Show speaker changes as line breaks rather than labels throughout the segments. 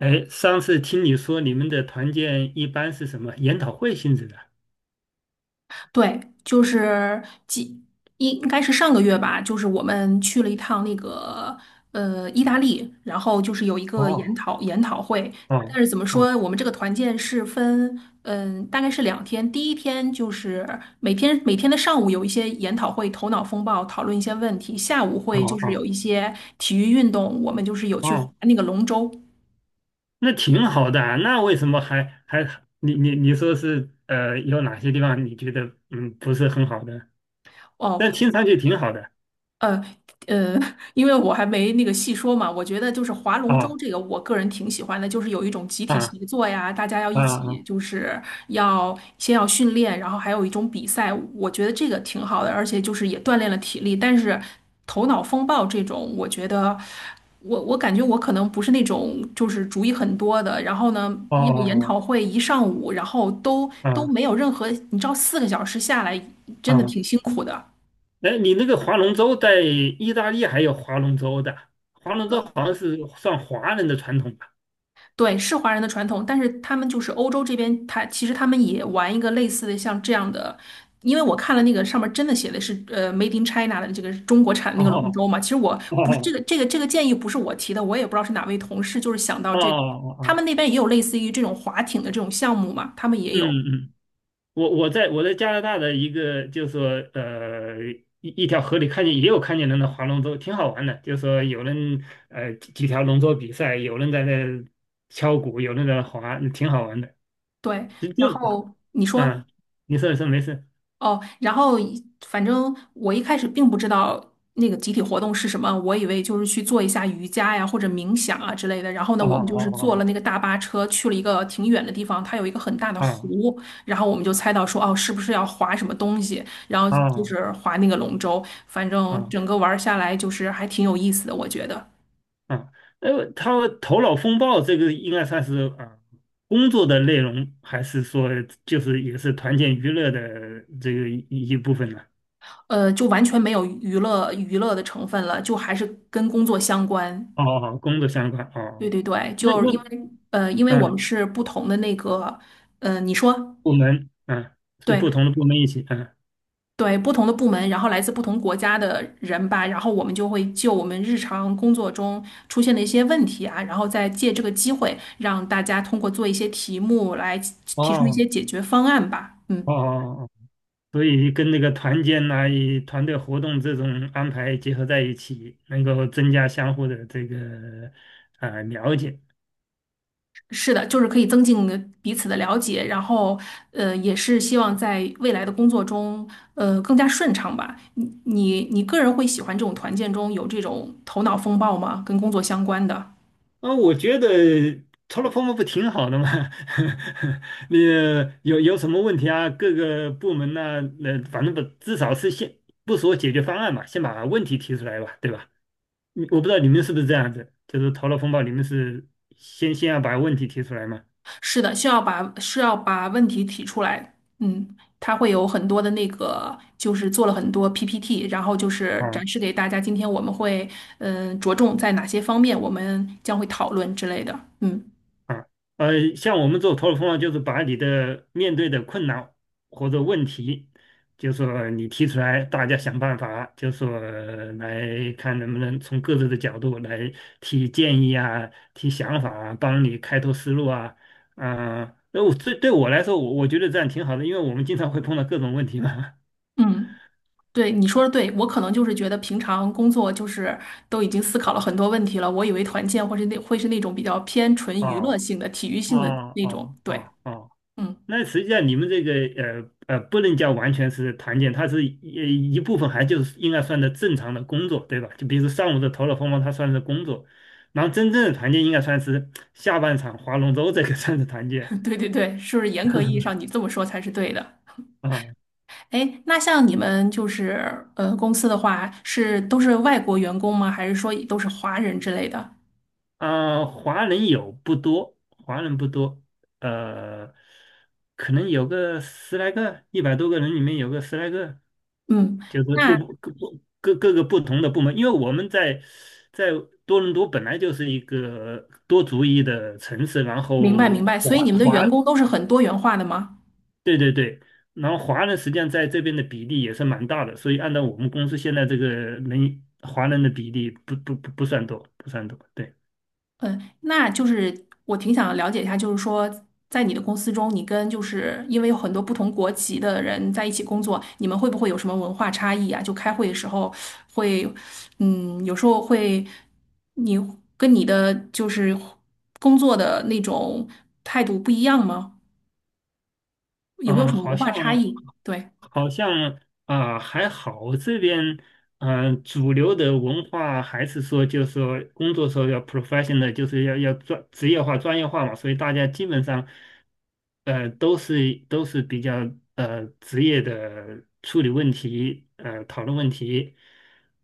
哎，上次听你说你们的团建一般是什么研讨会性质的？
对，就是几应该是上个月吧，就是我们去了一趟那个意大利，然后就是有一个研
哦，
讨研讨会。但
哦
是怎么
哦
说，我们这个团建是分大概是两天。第一天就是每天的上午有一些研讨会，头脑风暴讨论一些问题；下午就
哦
是
哦
有一些体育运动，我们就是有去划
哦，
那个龙舟。
那挺好的啊，那为什么还你说是有哪些地方你觉得不是很好的？
哦，
但听上去挺好的。
呃呃，因为我还没那个细说嘛，我觉得就是划龙舟
啊
这个，我个人挺喜欢的，就是有一种集体
啊
协作呀，大家要
啊
一
啊
起，
哦
就是要训练，然后还有一种比赛，我觉得这个挺好的，而且就是也锻炼了体力，但是头脑风暴这种，我觉得我感觉我可能不是那种就是主意很多的，然后呢，
哦
要研
哦
讨会一上午，然后都
啊
没有任何，你知道四个小时下来真的
啊！
挺辛苦的。
哎，你那个划龙舟在意大利还有划龙舟的，划龙舟好像是算华人的传统吧？
对，是华人的传统，但是他们就是欧洲这边，其实他们也玩一个类似的像这样的，因为我看了那个上面真的写的是"Made in China" 的这个中国产的
哦
那个龙舟
哦
嘛。其实我不是这个建议不是我提的，我也不知道是哪位同事就是想到
哦
这个，
哦
他
哦，
们那边也有类似于这种划艇的这种项目嘛，他们也
嗯
有。
嗯，我在加拿大的一个就是说呃一一条河里看见也有看见人的划龙舟，挺好玩的。就是说有人几条龙舟比赛，有人在那敲鼓，有人在那划，挺好玩的。
对，
就就
然后你说。
嗯，你说没事。
哦，然后一反正我一开始并不知道那个集体活动是什么，我以为就是去做一下瑜伽呀或者冥想啊之类的。然后呢，
好
我们
好
就是
好
坐了
好，
那个大巴车去了一个挺远的地方，它有一个很大的
哦
湖，然后我们就猜到说哦，是不是要划什么东西？然后就
哦
是划那个龙舟，反
哦
正
哦。
整个玩儿下来就是还挺有意思的，我觉得。
他头脑风暴这个应该算是工作的内容，还是说就是也是团建娱乐的这个一部分呢？
呃，就完全没有娱乐的成分了，就还是跟工作相关。
哦哦，哦工作相关
对
哦。
对对，
那
就是
那
因为因为我们
嗯，
是不同的那个，呃，你说
部门嗯是
对
不同的部门一起，
对，不同的部门，然后来自不同国家的人吧，然后我们就会就我们日常工作中出现的一些问题啊，然后再借这个机会让大家通过做一些题目来提出一
哦
些解决方案吧。嗯。
哦哦哦，所以跟那个团建呐、与团队活动这种安排结合在一起，能够增加相互的这个了解。
是的，就是可以增进彼此的了解，然后，呃，也是希望在未来的工作中，呃，更加顺畅吧。你个人会喜欢这种团建中有这种头脑风暴吗？跟工作相关的，
我觉得 t 了 l o p o m 不挺好的吗？你有什么问题啊？各个部门呐、反正不至少是先不说解决方案嘛，先把问题提出来吧，对吧？我不知道你们是不是这样子，就是头脑风暴，你们是先要把问题提出来嘛？
是的，需要把是要把问题提出来，嗯，他会有很多的那个，就是做了很多 PPT，然后就是
啊
展示给大家，今天我们会，嗯、着重在哪些方面，我们将会讨论之类的，嗯
啊，像我们做头脑风暴，就是把你的面对的困难或者问题，就说你提出来，大家想办法，就说来看能不能从各自的角度来提建议啊，提想法啊，帮你开拓思路啊。啊，那对我来说，我觉得这样挺好的，因为我们经常会碰到各种问题嘛。
嗯。对，你说的对，我可能就是觉得平常工作就是都已经思考了很多问题了，我以为团建或是那会是那种比较偏 纯娱乐
哦
性的、体育性的
哦
那种。
哦
对，
哦哦，
嗯，
那实际上你们这个不能叫完全是团建，它是一部分，还就是应该算的正常的工作，对吧？就比如说上午的头脑风暴，它算是工作，然后真正的团建应该算是下半场划龙舟这个 算是团建。
对对对，是不是严格意义上你这么说才是对的？
啊
哎，那像你们就是公司的话，是都是外国员工吗？还是说都是华人之类的？
啊，华人有不多，华人不多。呃，可能有个十来个，100多个人里面有个十来个，
嗯，
就是不
那
各不各各个不同的部门，因为我们在多伦多本来就是一个多族裔的城市，然
明白
后
明白，所以你们的员工都是很多元化的吗？
对对对。然后华人实际上在这边的比例也是蛮大的，所以按照我们公司现在这个华人的比例不算多，不算多，对。
嗯，那就是我挺想了解一下，就是说，在你的公司中，你跟就是因为有很多不同国籍的人在一起工作，你们会不会有什么文化差异啊？就开会的时候会，嗯，有时候会，你跟你的就是工作的那种态度不一样吗？有没
嗯、
有
呃
什么
好
文化
像
差异？对，
好像还好，这边主流的文化还是说，就是说工作时候要 professional，就是要专职业化、专业化嘛，所以大家基本上都是比较职业的处理问题，讨论问题。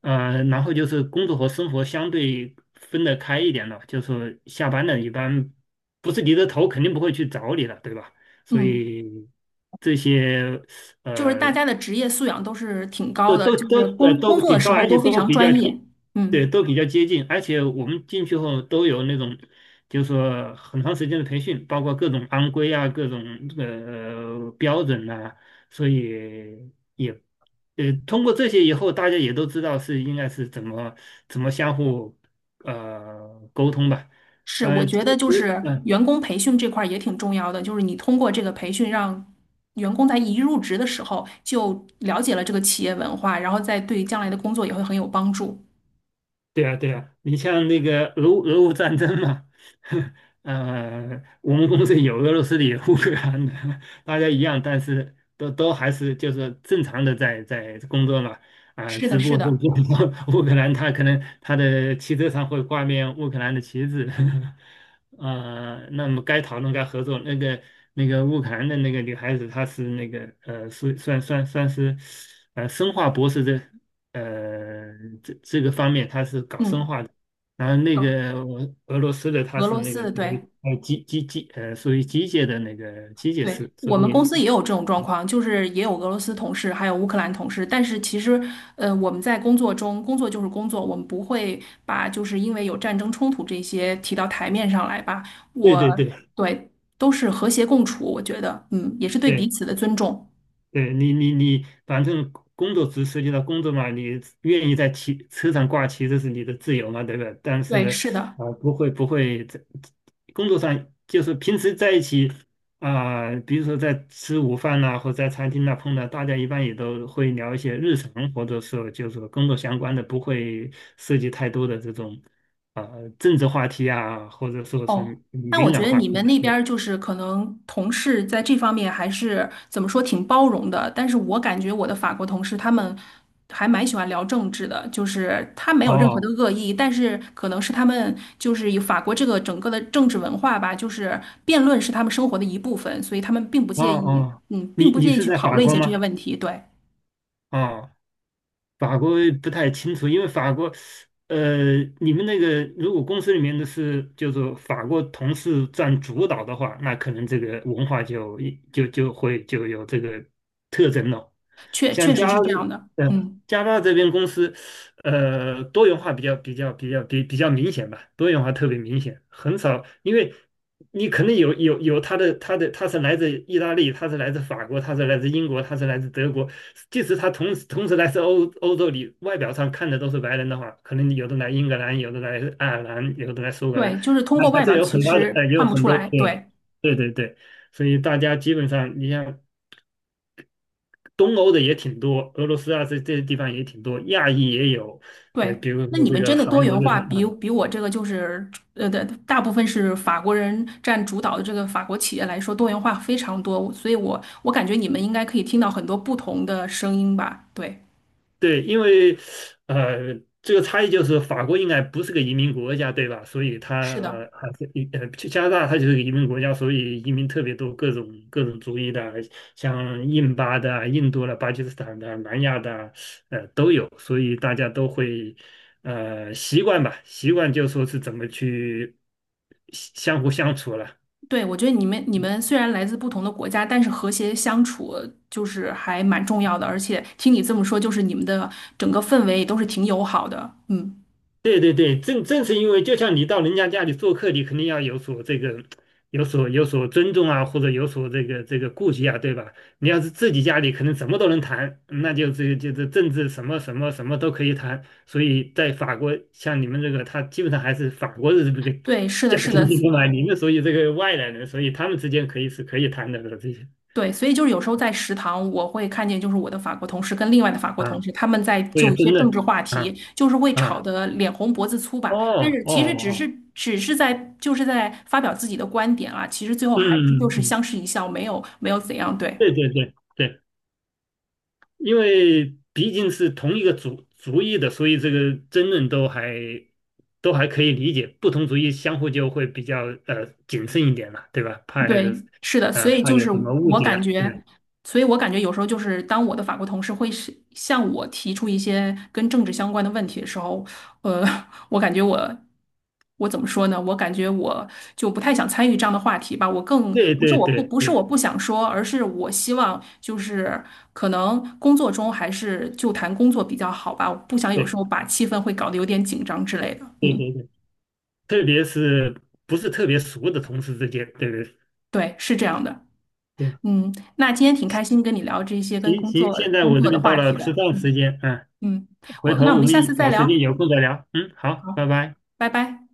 然后就是工作和生活相对分得开一点了，就是说下班了一般不是你的头肯定不会去找你了，对吧？所
嗯，
以这些
就是大
呃
家的职业素养都是挺高
都
的，
都
就是
都呃
工工
都
作的
挺
时
高，
候
而且
都非
都
常
比较
专业。
接，对，
嗯。
都比较接近，而且我们进去后都有那种，就是说很长时间的培训，包括各种安规啊，各种标准呐，所以也通过这些以后，大家也都知道是应该是怎么相互沟通吧。
是，我觉
其
得就
实，
是员工培训这块儿也挺重要的，就是你通过这个培训，让员工在一入职的时候就了解了这个企业文化，然后再对将来的工作也会很有帮助。
对啊，对啊，你像那个俄乌战争嘛。我们公司有俄罗斯的，有乌克兰的，大家一样，但是都还是就是正常的在工作嘛。
是的，
只不
是
过是
的，
就是说 乌克兰他可能他的汽车上会挂面乌克兰的旗帜。那么该讨论该合作，那个乌克兰的那个女孩子，她是那个算是生化博士的呃，这个方面它是搞生
嗯，
化的，然后那
搞
个俄罗斯的它
俄
是
罗
那
斯
个
的，对。
机机机呃属于机械的那个机械
对，
师，所
我们公
以
司也有这种状况，就是也有俄罗斯同事，还有乌克兰同事。但是其实，呃，我们在工作中，工作就是工作，我们不会把就是因为有战争冲突这些提到台面上来吧。
对
我，
对对
对，都是和谐共处，我觉得，嗯，也是对彼
对。
此的尊重。
对，你反正工作只涉及到工作嘛，你愿意在旗车上挂旗，这是你的自由嘛，对不对？但
对，
是
是的。
不会在工作上，就是平时在一起比如说在吃午饭呐、或者在餐厅呐、碰到，大家一般也都会聊一些日常，或者说就是说工作相关的，不会涉及太多的这种啊、政治话题啊，或者说
哦，
是
那我
敏
觉
感
得
话
你
题
们
啊。
那边儿就是可能同事在这方面还是怎么说挺包容的，但是我感觉我的法国同事他们还蛮喜欢聊政治的，就是他没有任何的
哦
恶意，但是可能是他们就是以法国这个整个的政治文化吧，就是辩论是他们生活的一部分，所以他们并不
哦
介意，
哦，
嗯，并
你
不
你
介意
是
去
在
讨
法
论一
国
些这些
吗？
问题。对，
哦。法国不太清楚，因为法国，你们那个如果公司里面的是就是说法国同事占主导的话，那可能这个文化就有这个特征了。
确
像
确实
加
是这样的，
嗯，呃，
嗯，
加拿大这边公司，多元化比较明显吧，多元化特别明显。很少，因为你可能有他是来自意大利，他是来自法国，他是来自英国，他是来自德国，即使他同时来自欧洲里，外表上看的都是白人的话，可能有的来英格兰，有的来爱尔兰，有的来苏格兰，
对，就是通
还
过
还
外
是
表
有
其
很大的
实
也有
看不
很
出
多
来，
对
对。
对对对，所以大家基本上你像。东欧的也挺多，俄罗斯啊这些地方也挺多，亚裔也有。
对，
比如
那
说
你
这
们
个
真的多
韩国
元
这
化
边啊，
比我这个就是大部分是法国人占主导的这个法国企业来说，多元化非常多，所以我感觉你们应该可以听到很多不同的声音吧？对，
对，因为呃这个差异就是法国应该不是个移民国家，对吧？所以它
是的，
呃还是一呃加拿大它就是个移民国家，所以移民特别多，各种族裔的，像印巴的啊印度的、巴基斯坦的啊、南亚的啊都有，所以大家都会。习惯吧，习惯就说是怎么去相互相处了。
对，我觉得你们虽然来自不同的国家，但是和谐相处就是还蛮重要的，而且听你这么说，就是你们的整个氛围也都是挺友好的，嗯，
对对对，正是因为就像你到人家家里做客，你肯定要有所这个，有所尊重啊，或者有所这个顾忌啊，对吧？你要是自己家里，可能什么都能谈，这就是政治什么什么什么都可以谈。所以在法国，像你们这个，他基本上还是法国人的这个
对，是的，
家
是
庭
的，
结构嘛，你们所以这个外来人，所以他们之间可以是可以谈的了这些。
对，所以就是有时候在食堂，我会看见就是我的法国同事跟另外的法国
啊，
同事，他们在
所以
就一些
真
政
的
治话
啊
题，就是会
啊，
吵得脸红脖子粗吧。但
哦
是
哦
其实只是
哦，
只是在就是在发表自己的观点啊，其实最后
嗯
还是就
嗯嗯，
是
嗯
相视一笑，没有没有怎样。对，
对对对。对，因为毕竟是同一个族裔的，所以这个争论都还可以理解。不同族裔相互就会比较谨慎一点了，对吧？怕
对，是的，所
呃
以
怕
就
有
是
什么误
我
解
感
啊，对吧
觉，所以我感觉有时候就是当我的法国同事会是向我提出一些跟政治相关的问题的时候，呃，我感觉我我怎么说呢？我感觉我就不太想参与这样的话题吧。我更
对对对
不是我
对
不想说，而是我希望就是可能工作中还是就谈工作比较好吧。我不想有
对
时候把气氛会搞得有点紧张之类的。
对
嗯，
对对，特别是不是特别熟的同事之间，对对
对，是这样的。
对。
嗯，那今天挺开心跟你聊这些跟
行
工
行，
作
现在
工
我这
作的
边到
话
了
题
吃
的。
饭时
嗯
间，
嗯，
回
那
头
我
我
们
们
下次再
有时间
聊。
有空再聊。嗯，好，拜
好，
拜。
拜拜。